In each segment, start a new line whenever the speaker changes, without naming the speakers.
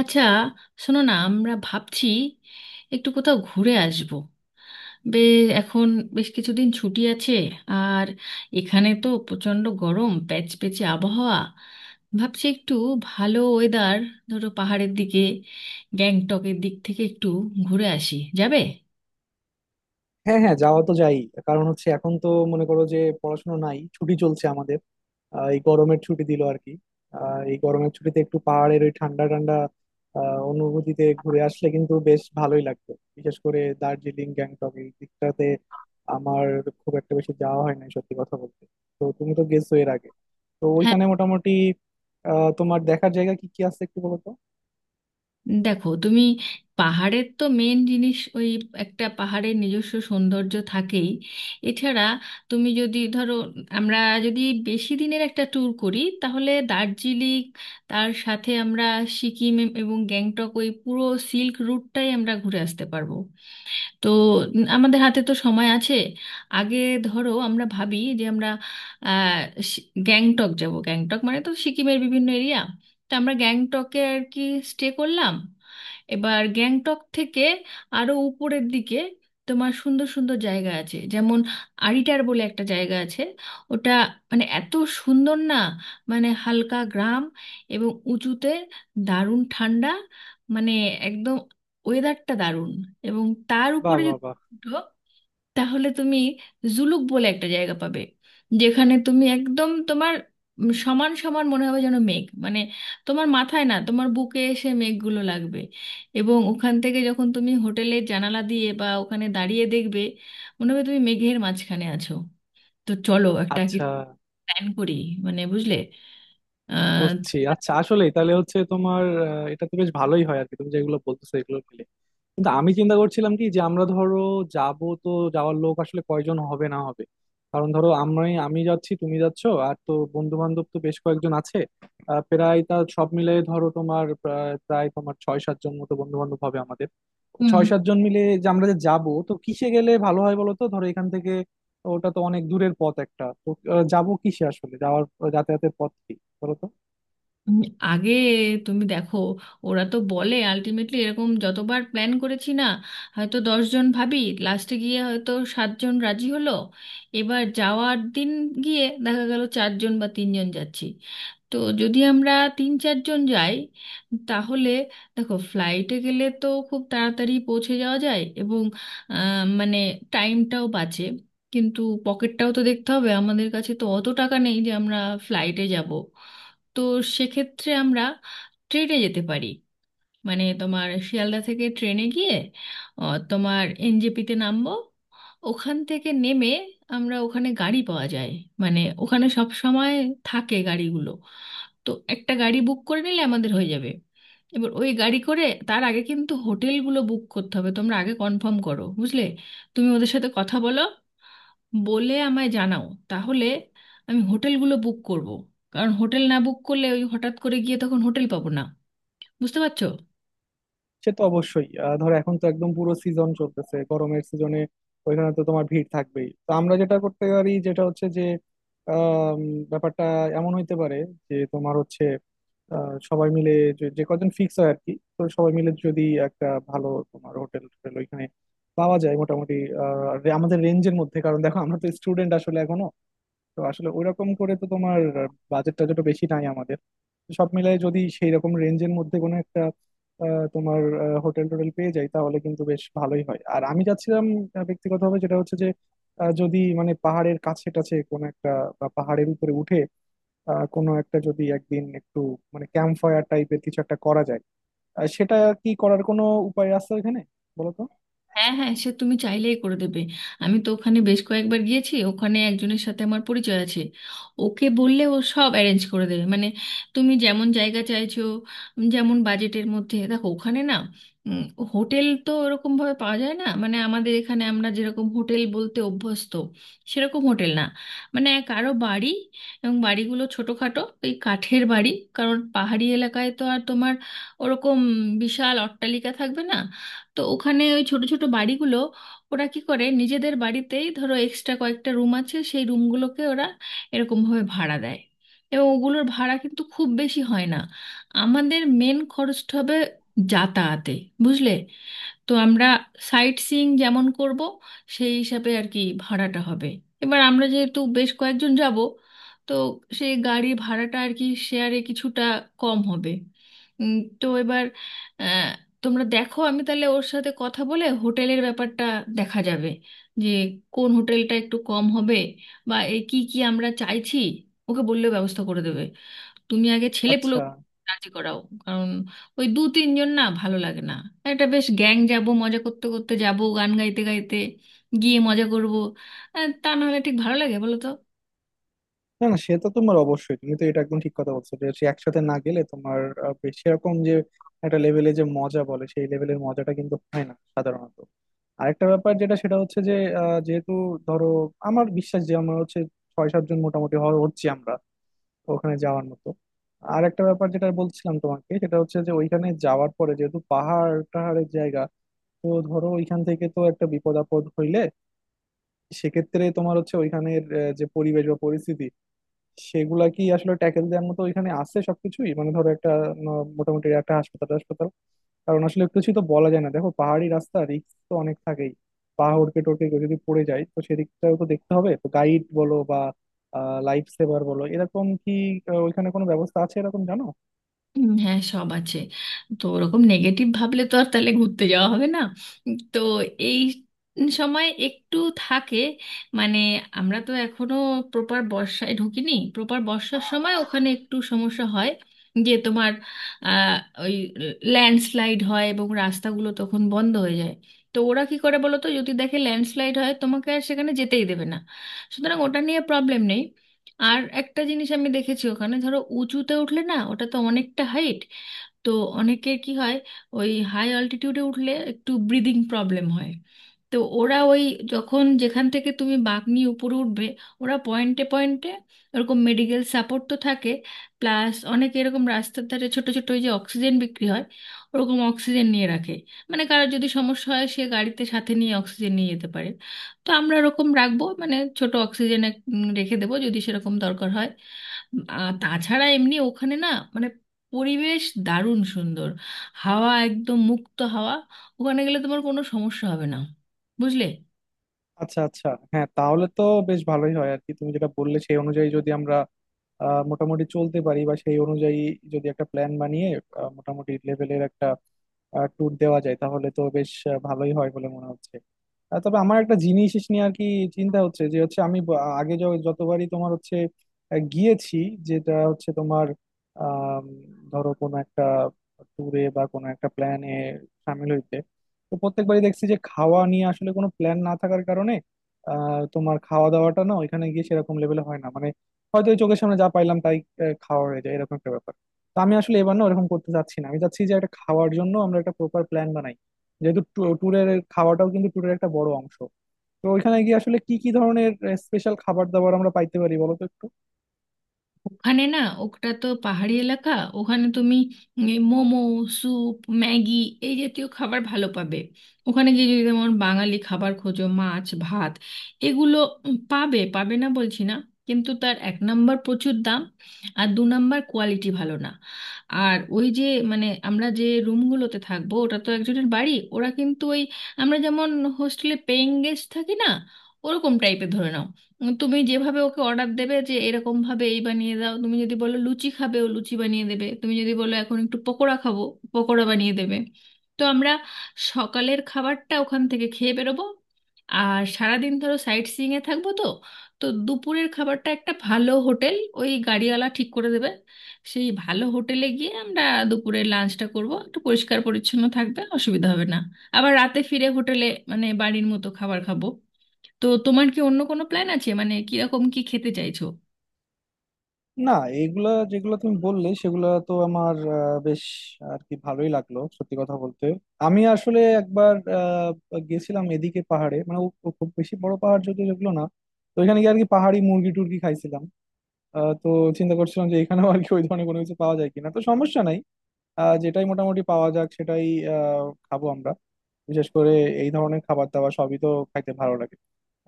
আচ্ছা, শোনো না, আমরা ভাবছি একটু কোথাও ঘুরে আসব। বে এখন বেশ কিছুদিন ছুটি আছে, আর এখানে তো প্রচণ্ড গরম, প্যাচপ্যাচে আবহাওয়া। ভাবছি একটু ভালো ওয়েদার, ধরো পাহাড়ের দিকে, গ্যাংটকের দিক থেকে একটু ঘুরে আসি, যাবে?
হ্যাঁ হ্যাঁ, যাওয়া তো যাই। কারণ হচ্ছে, এখন তো মনে করো যে পড়াশোনা নাই, ছুটি চলছে আমাদের। এই গরমের ছুটি দিল আর কি। এই গরমের ছুটিতে একটু পাহাড়ের ওই ঠান্ডা ঠান্ডা অনুভূতিতে ঘুরে আসলে কিন্তু বেশ ভালোই লাগবে, বিশেষ করে দার্জিলিং গ্যাংটক এই দিকটাতে। আমার খুব একটা বেশি যাওয়া হয় নাই সত্যি কথা বলতে। তো তুমি তো গেছো এর আগে, তো
হ্যাঁ।
ওইখানে মোটামুটি আহ, তোমার দেখার জায়গা কি কি আছে একটু বলো তো।
দেখো তুমি, পাহাড়ের তো মেন জিনিস ওই, একটা পাহাড়ের নিজস্ব সৌন্দর্য থাকেই। এছাড়া তুমি যদি ধরো, আমরা যদি বেশি দিনের একটা ট্যুর করি, তাহলে দার্জিলিং, তার সাথে আমরা সিকিম এবং গ্যাংটক, ওই পুরো সিল্ক রুটটাই আমরা ঘুরে আসতে পারবো। তো আমাদের হাতে তো সময় আছে। আগে ধরো আমরা ভাবি যে আমরা আহ, গ্যাংটক যাব। গ্যাংটক মানে তো সিকিমের বিভিন্ন এরিয়া, তো আমরা গ্যাংটকে আর কি স্টে করলাম। এবার গ্যাংটক থেকে আরো উপরের দিকে তোমার সুন্দর সুন্দর জায়গা আছে, যেমন আরিটার বলে একটা জায়গা আছে। ওটা মানে এত সুন্দর না, মানে হালকা গ্রাম এবং উঁচুতে, দারুণ ঠান্ডা, মানে একদম ওয়েদারটা দারুণ। এবং তার
বাহ
উপরে
বাহ
যদি
বাহ।
উঠো, তাহলে তুমি জুলুক বলে একটা জায়গা পাবে, যেখানে তুমি একদম তোমার সমান সমান মনে হবে, যেন মেঘ, মানে তোমার মাথায় না, তোমার বুকে এসে মেঘগুলো লাগবে। এবং ওখান থেকে যখন তুমি হোটেলের জানালা দিয়ে বা ওখানে দাঁড়িয়ে দেখবে, মনে হবে তুমি মেঘের মাঝখানে আছো। তো চলো একটা কি
আচ্ছা,
প্ল্যান করি, মানে বুঝলে। আহ
বুঝছি। আচ্ছা, আসলেই তাহলে হচ্ছে তোমার এটা তো বেশ ভালোই হয় আর কি, তুমি যেগুলো বলতেছো এগুলো মিলে। কিন্তু আমি চিন্তা করছিলাম কি, যে আমরা ধরো যাব, তো যাওয়ার লোক আসলে কয়জন হবে না হবে। কারণ ধরো আমরা, আমি যাচ্ছি তুমি যাচ্ছো, আর তো বন্ধু বান্ধব তো বেশ কয়েকজন আছে। প্রায় তা সব মিলে ধরো তোমার প্রায় প্রায় তোমার ছয় সাতজন মতো বন্ধু বান্ধব হবে আমাদের। ছয় সাতজন মিলে যে আমরা যে যাব, তো কিসে গেলে ভালো হয় বলো তো, ধরো এখান থেকে। ওটা তো অনেক দূরের পথ একটা তো। যাবো কিসে আসলে, যাওয়ার যাতায়াতের পথ কি বলো তো।
উম, আগে তুমি দেখো, ওরা তো বলে, আলটিমেটলি এরকম যতবার প্ল্যান করেছি না, হয়তো দশজন ভাবি, লাস্টে গিয়ে হয়তো সাতজন রাজি হলো, এবার যাওয়ার দিন গিয়ে দেখা গেল চারজন বা তিনজন যাচ্ছি। তো যদি আমরা তিন চারজন যাই, তাহলে দেখো, ফ্লাইটে গেলে তো খুব তাড়াতাড়ি পৌঁছে যাওয়া যায় এবং মানে টাইমটাও বাঁচে। কিন্তু পকেটটাও তো দেখতে হবে, আমাদের কাছে তো অত টাকা নেই যে আমরা ফ্লাইটে যাব। তো সেক্ষেত্রে আমরা ট্রেনে যেতে পারি, মানে তোমার শিয়ালদা থেকে ট্রেনে গিয়ে তোমার এনজেপিতে নামবো। ওখান থেকে নেমে আমরা, ওখানে গাড়ি পাওয়া যায়, মানে ওখানে সব সময় থাকে গাড়িগুলো, তো একটা গাড়ি বুক করে নিলে আমাদের হয়ে যাবে। এবার ওই গাড়ি করে, তার আগে কিন্তু হোটেলগুলো বুক করতে হবে, তোমরা আগে কনফার্ম করো বুঝলে। তুমি ওদের সাথে কথা বলো, বলে আমায় জানাও, তাহলে আমি হোটেলগুলো বুক করব। কারণ হোটেল না বুক করলে ওই হঠাৎ করে গিয়ে তখন হোটেল পাবো না, বুঝতে পারছো?
সে তো অবশ্যই। ধরো এখন তো একদম পুরো সিজন চলতেছে, গরমের সিজনে ওইখানে তো তোমার ভিড় থাকবেই। তো আমরা যেটা করতে পারি, যেটা হচ্ছে যে আম, ব্যাপারটা এমন হইতে পারে যে তোমার হচ্ছে সবাই মিলে, যে যে কজন ফিক্স হয় আর কি, তো সবাই মিলে যদি একটা ভালো তোমার হোটেল টোটেল ওইখানে পাওয়া যায় মোটামুটি আমাদের রেঞ্জের মধ্যে। কারণ দেখো আমরা তো স্টুডেন্ট আসলে এখনো, তো আসলে ওইরকম করে তো তোমার বাজেট টাজেট বেশি নাই আমাদের। তো সব মিলাই যদি সেই রকম রেঞ্জের মধ্যে কোনো একটা তোমার হোটেল টোটেল পেয়ে যাই, তাহলে কিন্তু বেশ ভালোই হয়। আর আমি যাচ্ছিলাম ব্যক্তিগতভাবে, যেটা হচ্ছে যে যদি মানে পাহাড়ের কাছে টাছে কোনো একটা, বা পাহাড়ের উপরে উঠে কোনো একটা যদি একদিন একটু মানে ক্যাম্প ফায়ার টাইপের কিছু একটা করা যায়, সেটা কি করার কোনো উপায় আছে এখানে বলো তো।
হ্যাঁ হ্যাঁ, সে তুমি চাইলেই করে দেবে। আমি তো ওখানে বেশ কয়েকবার গিয়েছি, ওখানে একজনের সাথে আমার পরিচয় আছে, ওকে বললে ও সব অ্যারেঞ্জ করে দেবে, মানে তুমি যেমন জায়গা চাইছো, যেমন বাজেটের মধ্যে। দেখো ওখানে না, উম, হোটেল তো ওরকম ভাবে পাওয়া যায় না, মানে আমাদের এখানে আমরা যেরকম হোটেল বলতে অভ্যস্ত, সেরকম হোটেল না। মানে কারো বাড়ি, এবং বাড়িগুলো ছোটোখাটো, এই কাঠের বাড়ি, কারণ পাহাড়ি এলাকায় তো আর তোমার ওরকম বিশাল অট্টালিকা থাকবে না। তো ওখানে ওই ছোট ছোট বাড়িগুলো, ওরা কি করে, নিজেদের বাড়িতেই ধরো এক্সট্রা কয়েকটা রুম আছে, সেই রুমগুলোকে ওরা এরকমভাবে ভাড়া দেয়, এবং ওগুলোর ভাড়া কিন্তু খুব বেশি হয় না। আমাদের মেন খরচটা হবে যাতায়াতে, বুঝলে। তো আমরা সাইট সিইং যেমন করব, সেই হিসাবে আর কি ভাড়াটা হবে। এবার আমরা যেহেতু বেশ কয়েকজন যাব, তো সেই গাড়ি ভাড়াটা আর কি শেয়ারে কিছুটা কম হবে। তো এবার আহ, তোমরা দেখো, আমি তাহলে ওর সাথে কথা বলে হোটেলের ব্যাপারটা দেখা যাবে, যে কোন হোটেলটা একটু কম হবে বা এই কি কি আমরা চাইছি, ওকে বললেও ব্যবস্থা করে দেবে। তুমি আগে ছেলেপুলে
আচ্ছা।
রাজি করাও, কারণ ওই দু তিনজন না ভালো লাগে না, একটা বেশ গ্যাং যাব, মজা করতে করতে যাব, গান গাইতে গাইতে গিয়ে মজা করব। তা না হলে ঠিক ভালো লাগে বলো তো?
না না, সে তো তোমার অবশ্যই, তুমি তো এটা একদম ঠিক কথা বলছো যে সে একসাথে না গেলে তোমার বেশ সেরকম যে একটা লেভেলে যে মজা বলে, সেই লেভেলের মজাটা কিন্তু হয় না সাধারণত। আরেকটা ব্যাপার যেটা, সেটা হচ্ছে যে যেহেতু ধরো আমার বিশ্বাস যে আমরা হচ্ছে ছয় সাতজন মোটামুটি হচ্ছি আমরা ওখানে যাওয়ার মতো। আর একটা ব্যাপার যেটা বলছিলাম তোমাকে, সেটা হচ্ছে যে ওইখানে যাওয়ার পরে, যেহেতু পাহাড় টাহাড়ের জায়গা, তো ধরো ওইখান থেকে তো একটা বিপদ আপদ হইলে, সেক্ষেত্রে তোমার হচ্ছে ওইখানের যে পরিবেশ বা পরিস্থিতি, সেগুলা কি আসলে ট্যাকেল দেওয়ার মতো ওইখানে আছে সবকিছুই। মানে ধরো একটা মোটামুটি একটা হাসপাতাল হাসপাতাল, কারণ আসলে কিছু তো বলা যায় না, দেখো পাহাড়ি রাস্তা, রিস্ক তো অনেক থাকেই। পাহাড়কে টোড়কে কেউ যদি পড়ে যায়, তো সেদিকটাও তো দেখতে হবে। তো গাইড বলো বা লাইফ সেভার বলো, এরকম কি ওইখানে কোনো ব্যবস্থা আছে, এরকম জানো?
হ্যাঁ সব আছে, তো ওরকম নেগেটিভ ভাবলে তো আর তাহলে ঘুরতে যাওয়া হবে না। তো এই সময় একটু থাকে, মানে আমরা তো এখনো প্রপার বর্ষায় ঢুকিনি, প্রপার বর্ষার সময় ওখানে একটু সমস্যা হয়, যে তোমার আহ, ওই ল্যান্ডস্লাইড হয় এবং রাস্তাগুলো তখন বন্ধ হয়ে যায়। তো ওরা কি করে বলো তো, যদি দেখে ল্যান্ডস্লাইড হয়, তোমাকে আর সেখানে যেতেই দেবে না, সুতরাং ওটা নিয়ে প্রবলেম নেই। আর একটা জিনিস আমি দেখেছি, ওখানে ধরো উঁচুতে উঠলে না, ওটা তো অনেকটা হাইট, তো অনেকের কি হয়, ওই হাই অল্টিটিউডে উঠলে একটু ব্রিদিং প্রবলেম হয়। তো ওরা ওই, যখন যেখান থেকে তুমি বাঁক নিয়ে উপরে উঠবে, ওরা পয়েন্টে পয়েন্টে ওরকম মেডিকেল সাপোর্ট তো থাকে। প্লাস অনেকে এরকম রাস্তার ধারে, ছোট ছোট ওই যে অক্সিজেন বিক্রি হয়, ওরকম অক্সিজেন নিয়ে রাখে, মানে কারোর যদি সমস্যা হয়, সে গাড়িতে সাথে নিয়ে অক্সিজেন নিয়ে যেতে পারে। তো আমরা ওরকম রাখবো, মানে ছোট অক্সিজেন রেখে দেবো, যদি সেরকম দরকার হয়। আর তাছাড়া এমনি ওখানে না, মানে পরিবেশ দারুণ সুন্দর, হাওয়া একদম মুক্ত হাওয়া, ওখানে গেলে তোমার কোনো সমস্যা হবে না, বুঝলে।
আচ্ছা আচ্ছা, হ্যাঁ তাহলে তো বেশ ভালোই হয় আর কি। তুমি যেটা বললে সেই অনুযায়ী যদি আমরা মোটামুটি চলতে পারি, বা সেই অনুযায়ী যদি একটা প্ল্যান বানিয়ে মোটামুটি লেভেলের একটা ট্যুর দেওয়া যায়, তাহলে তো বেশ ভালোই হয় বলে মনে হচ্ছে। তবে আমার একটা জিনিস নিয়ে আর কি চিন্তা হচ্ছে, যে হচ্ছে আমি আগে যতবারই তোমার হচ্ছে গিয়েছি, যেটা হচ্ছে তোমার আম, ধরো কোনো একটা ট্যুরে বা কোনো একটা প্ল্যানে সামিল হইতে, তো প্রত্যেকবারই দেখছি যে খাওয়া নিয়ে আসলে কোনো প্ল্যান না থাকার কারণে তোমার খাওয়া দাওয়াটা না ওইখানে গিয়ে সেরকম লেভেলে হয় না। মানে হয়তো ওই চোখের সামনে যা পাইলাম তাই খাওয়া হয়ে যায়, এরকম একটা ব্যাপার। তো আমি আসলে এবার না ওরকম করতে চাচ্ছি না, আমি চাচ্ছি যে একটা খাওয়ার জন্য আমরা একটা প্রপার প্ল্যান বানাই, যেহেতু ট্যুরের খাওয়াটাও কিন্তু ট্যুরের একটা বড় অংশ। তো ওইখানে গিয়ে আসলে কি কি ধরনের স্পেশাল খাবার দাবার আমরা পাইতে পারি বলো তো একটু।
ওখানে না ওটা তো পাহাড়ি এলাকা, ওখানে তুমি মোমো, স্যুপ, ম্যাগি, এই জাতীয় খাবার ভালো পাবে। ওখানে গিয়ে যদি যেমন বাঙালি খাবার খোঁজো, মাছ ভাত এগুলো, পাবে, পাবে না বলছি না, কিন্তু তার এক নাম্বার প্রচুর দাম, আর দু নাম্বার কোয়ালিটি ভালো না। আর ওই যে মানে আমরা যে রুমগুলোতে থাকবো, ওটা তো একজনের বাড়ি, ওরা কিন্তু ওই, আমরা যেমন হোস্টেলে পেইং গেস্ট থাকি না, ওরকম টাইপের ধরে নাও। তুমি যেভাবে ওকে অর্ডার দেবে, যে এরকম ভাবে এই বানিয়ে দাও, তুমি যদি বলো লুচি খাবে, ও লুচি বানিয়ে দেবে, তুমি যদি বলো এখন একটু পকোড়া খাবো, পকোড়া বানিয়ে দেবে। তো আমরা সকালের খাবারটা ওখান থেকে খেয়ে বেরোবো, আর সারাদিন ধরো সাইট সিইং এ থাকবো, তো তো দুপুরের খাবারটা একটা ভালো হোটেল ওই গাড়িওয়ালা ঠিক করে দেবে, সেই ভালো হোটেলে গিয়ে আমরা দুপুরের লাঞ্চটা করব, একটু পরিষ্কার পরিচ্ছন্ন থাকবে, অসুবিধা হবে না। আবার রাতে ফিরে হোটেলে মানে বাড়ির মতো খাবার খাবো। তো তোমার কি অন্য কোনো প্ল্যান আছে, মানে কিরকম কি খেতে চাইছো?
না, এগুলা যেগুলো তুমি বললে সেগুলা তো আমার বেশ আর কি ভালোই লাগলো সত্যি কথা বলতে। আমি আসলে একবার গেছিলাম এদিকে পাহাড়ে, মানে ও খুব বেশি বড় পাহাড় যদিও যেগুলো না। তো ওইখানে গিয়ে আর কি পাহাড়ি মুরগি টুরগি খাইছিলাম। তো চিন্তা করছিলাম যে এখানেও আর কি ওই ধরনের কোনো কিছু পাওয়া যায় কিনা। তো সমস্যা নাই, যেটাই মোটামুটি পাওয়া যাক সেটাই খাবো আমরা। বিশেষ করে এই ধরনের খাবার দাবার সবই তো খাইতে ভালো লাগে,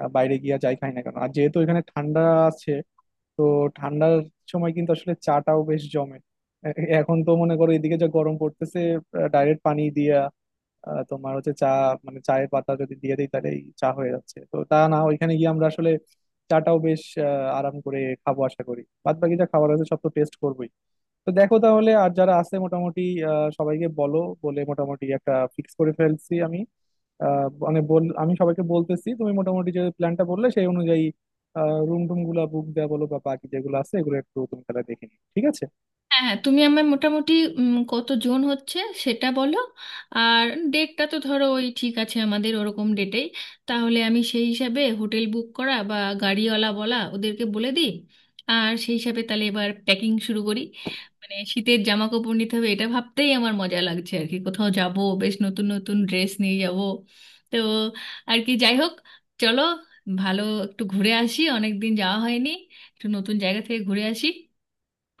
বাইরে গিয়া যাই খাই না কেন। আর যেহেতু এখানে ঠান্ডা আছে, তো ঠান্ডার সময় কিন্তু আসলে চাটাও বেশ জমে। এ- এখন তো মনে করো এদিকে যা গরম পড়তেছে, ডাইরেক্ট পানি দিয়া তোমার হচ্ছে চা, মানে চায়ের পাতা যদি দিয়ে দিই তাহলে এই চা হয়ে যাচ্ছে। তো তা না, ওইখানে গিয়ে আমরা আসলে চাটাও বেশ আহ, আরাম করে খাবো আশা করি। বাদ বাকি যা খাবার আছে সব তো টেস্ট করবোই। তো দেখো তাহলে, আর যারা আছে মোটামুটি সবাইকে বলো, বলে মোটামুটি একটা ফিক্স করে ফেলছি আমি। মানে বল, আমি সবাইকে বলতেছি, তুমি মোটামুটি যে প্ল্যানটা বললে সেই অনুযায়ী রুম টুম গুলা বুক দেওয়া বলো বা বাকি যেগুলো আছে, এগুলো একটু তুমি তাহলে দেখে নিও, ঠিক আছে?
হ্যাঁ হ্যাঁ, তুমি আমার মোটামুটি কত জন হচ্ছে সেটা বলো। আর ডেটটা তো ধরো ওই ঠিক আছে, আমাদের ওরকম ডেটেই, তাহলে আমি সেই হিসাবে হোটেল বুক করা বা গাড়িওয়ালা বলা, ওদেরকে বলে দিই। আর সেই হিসাবে তাহলে এবার প্যাকিং শুরু করি, মানে শীতের জামা কাপড় নিতে হবে, এটা ভাবতেই আমার মজা লাগছে আর কি, কোথাও যাব, বেশ নতুন নতুন ড্রেস নিয়ে যাব। তো আর কি, যাই হোক, চলো, ভালো একটু ঘুরে আসি, অনেক দিন যাওয়া হয়নি, একটু নতুন জায়গা থেকে ঘুরে আসি।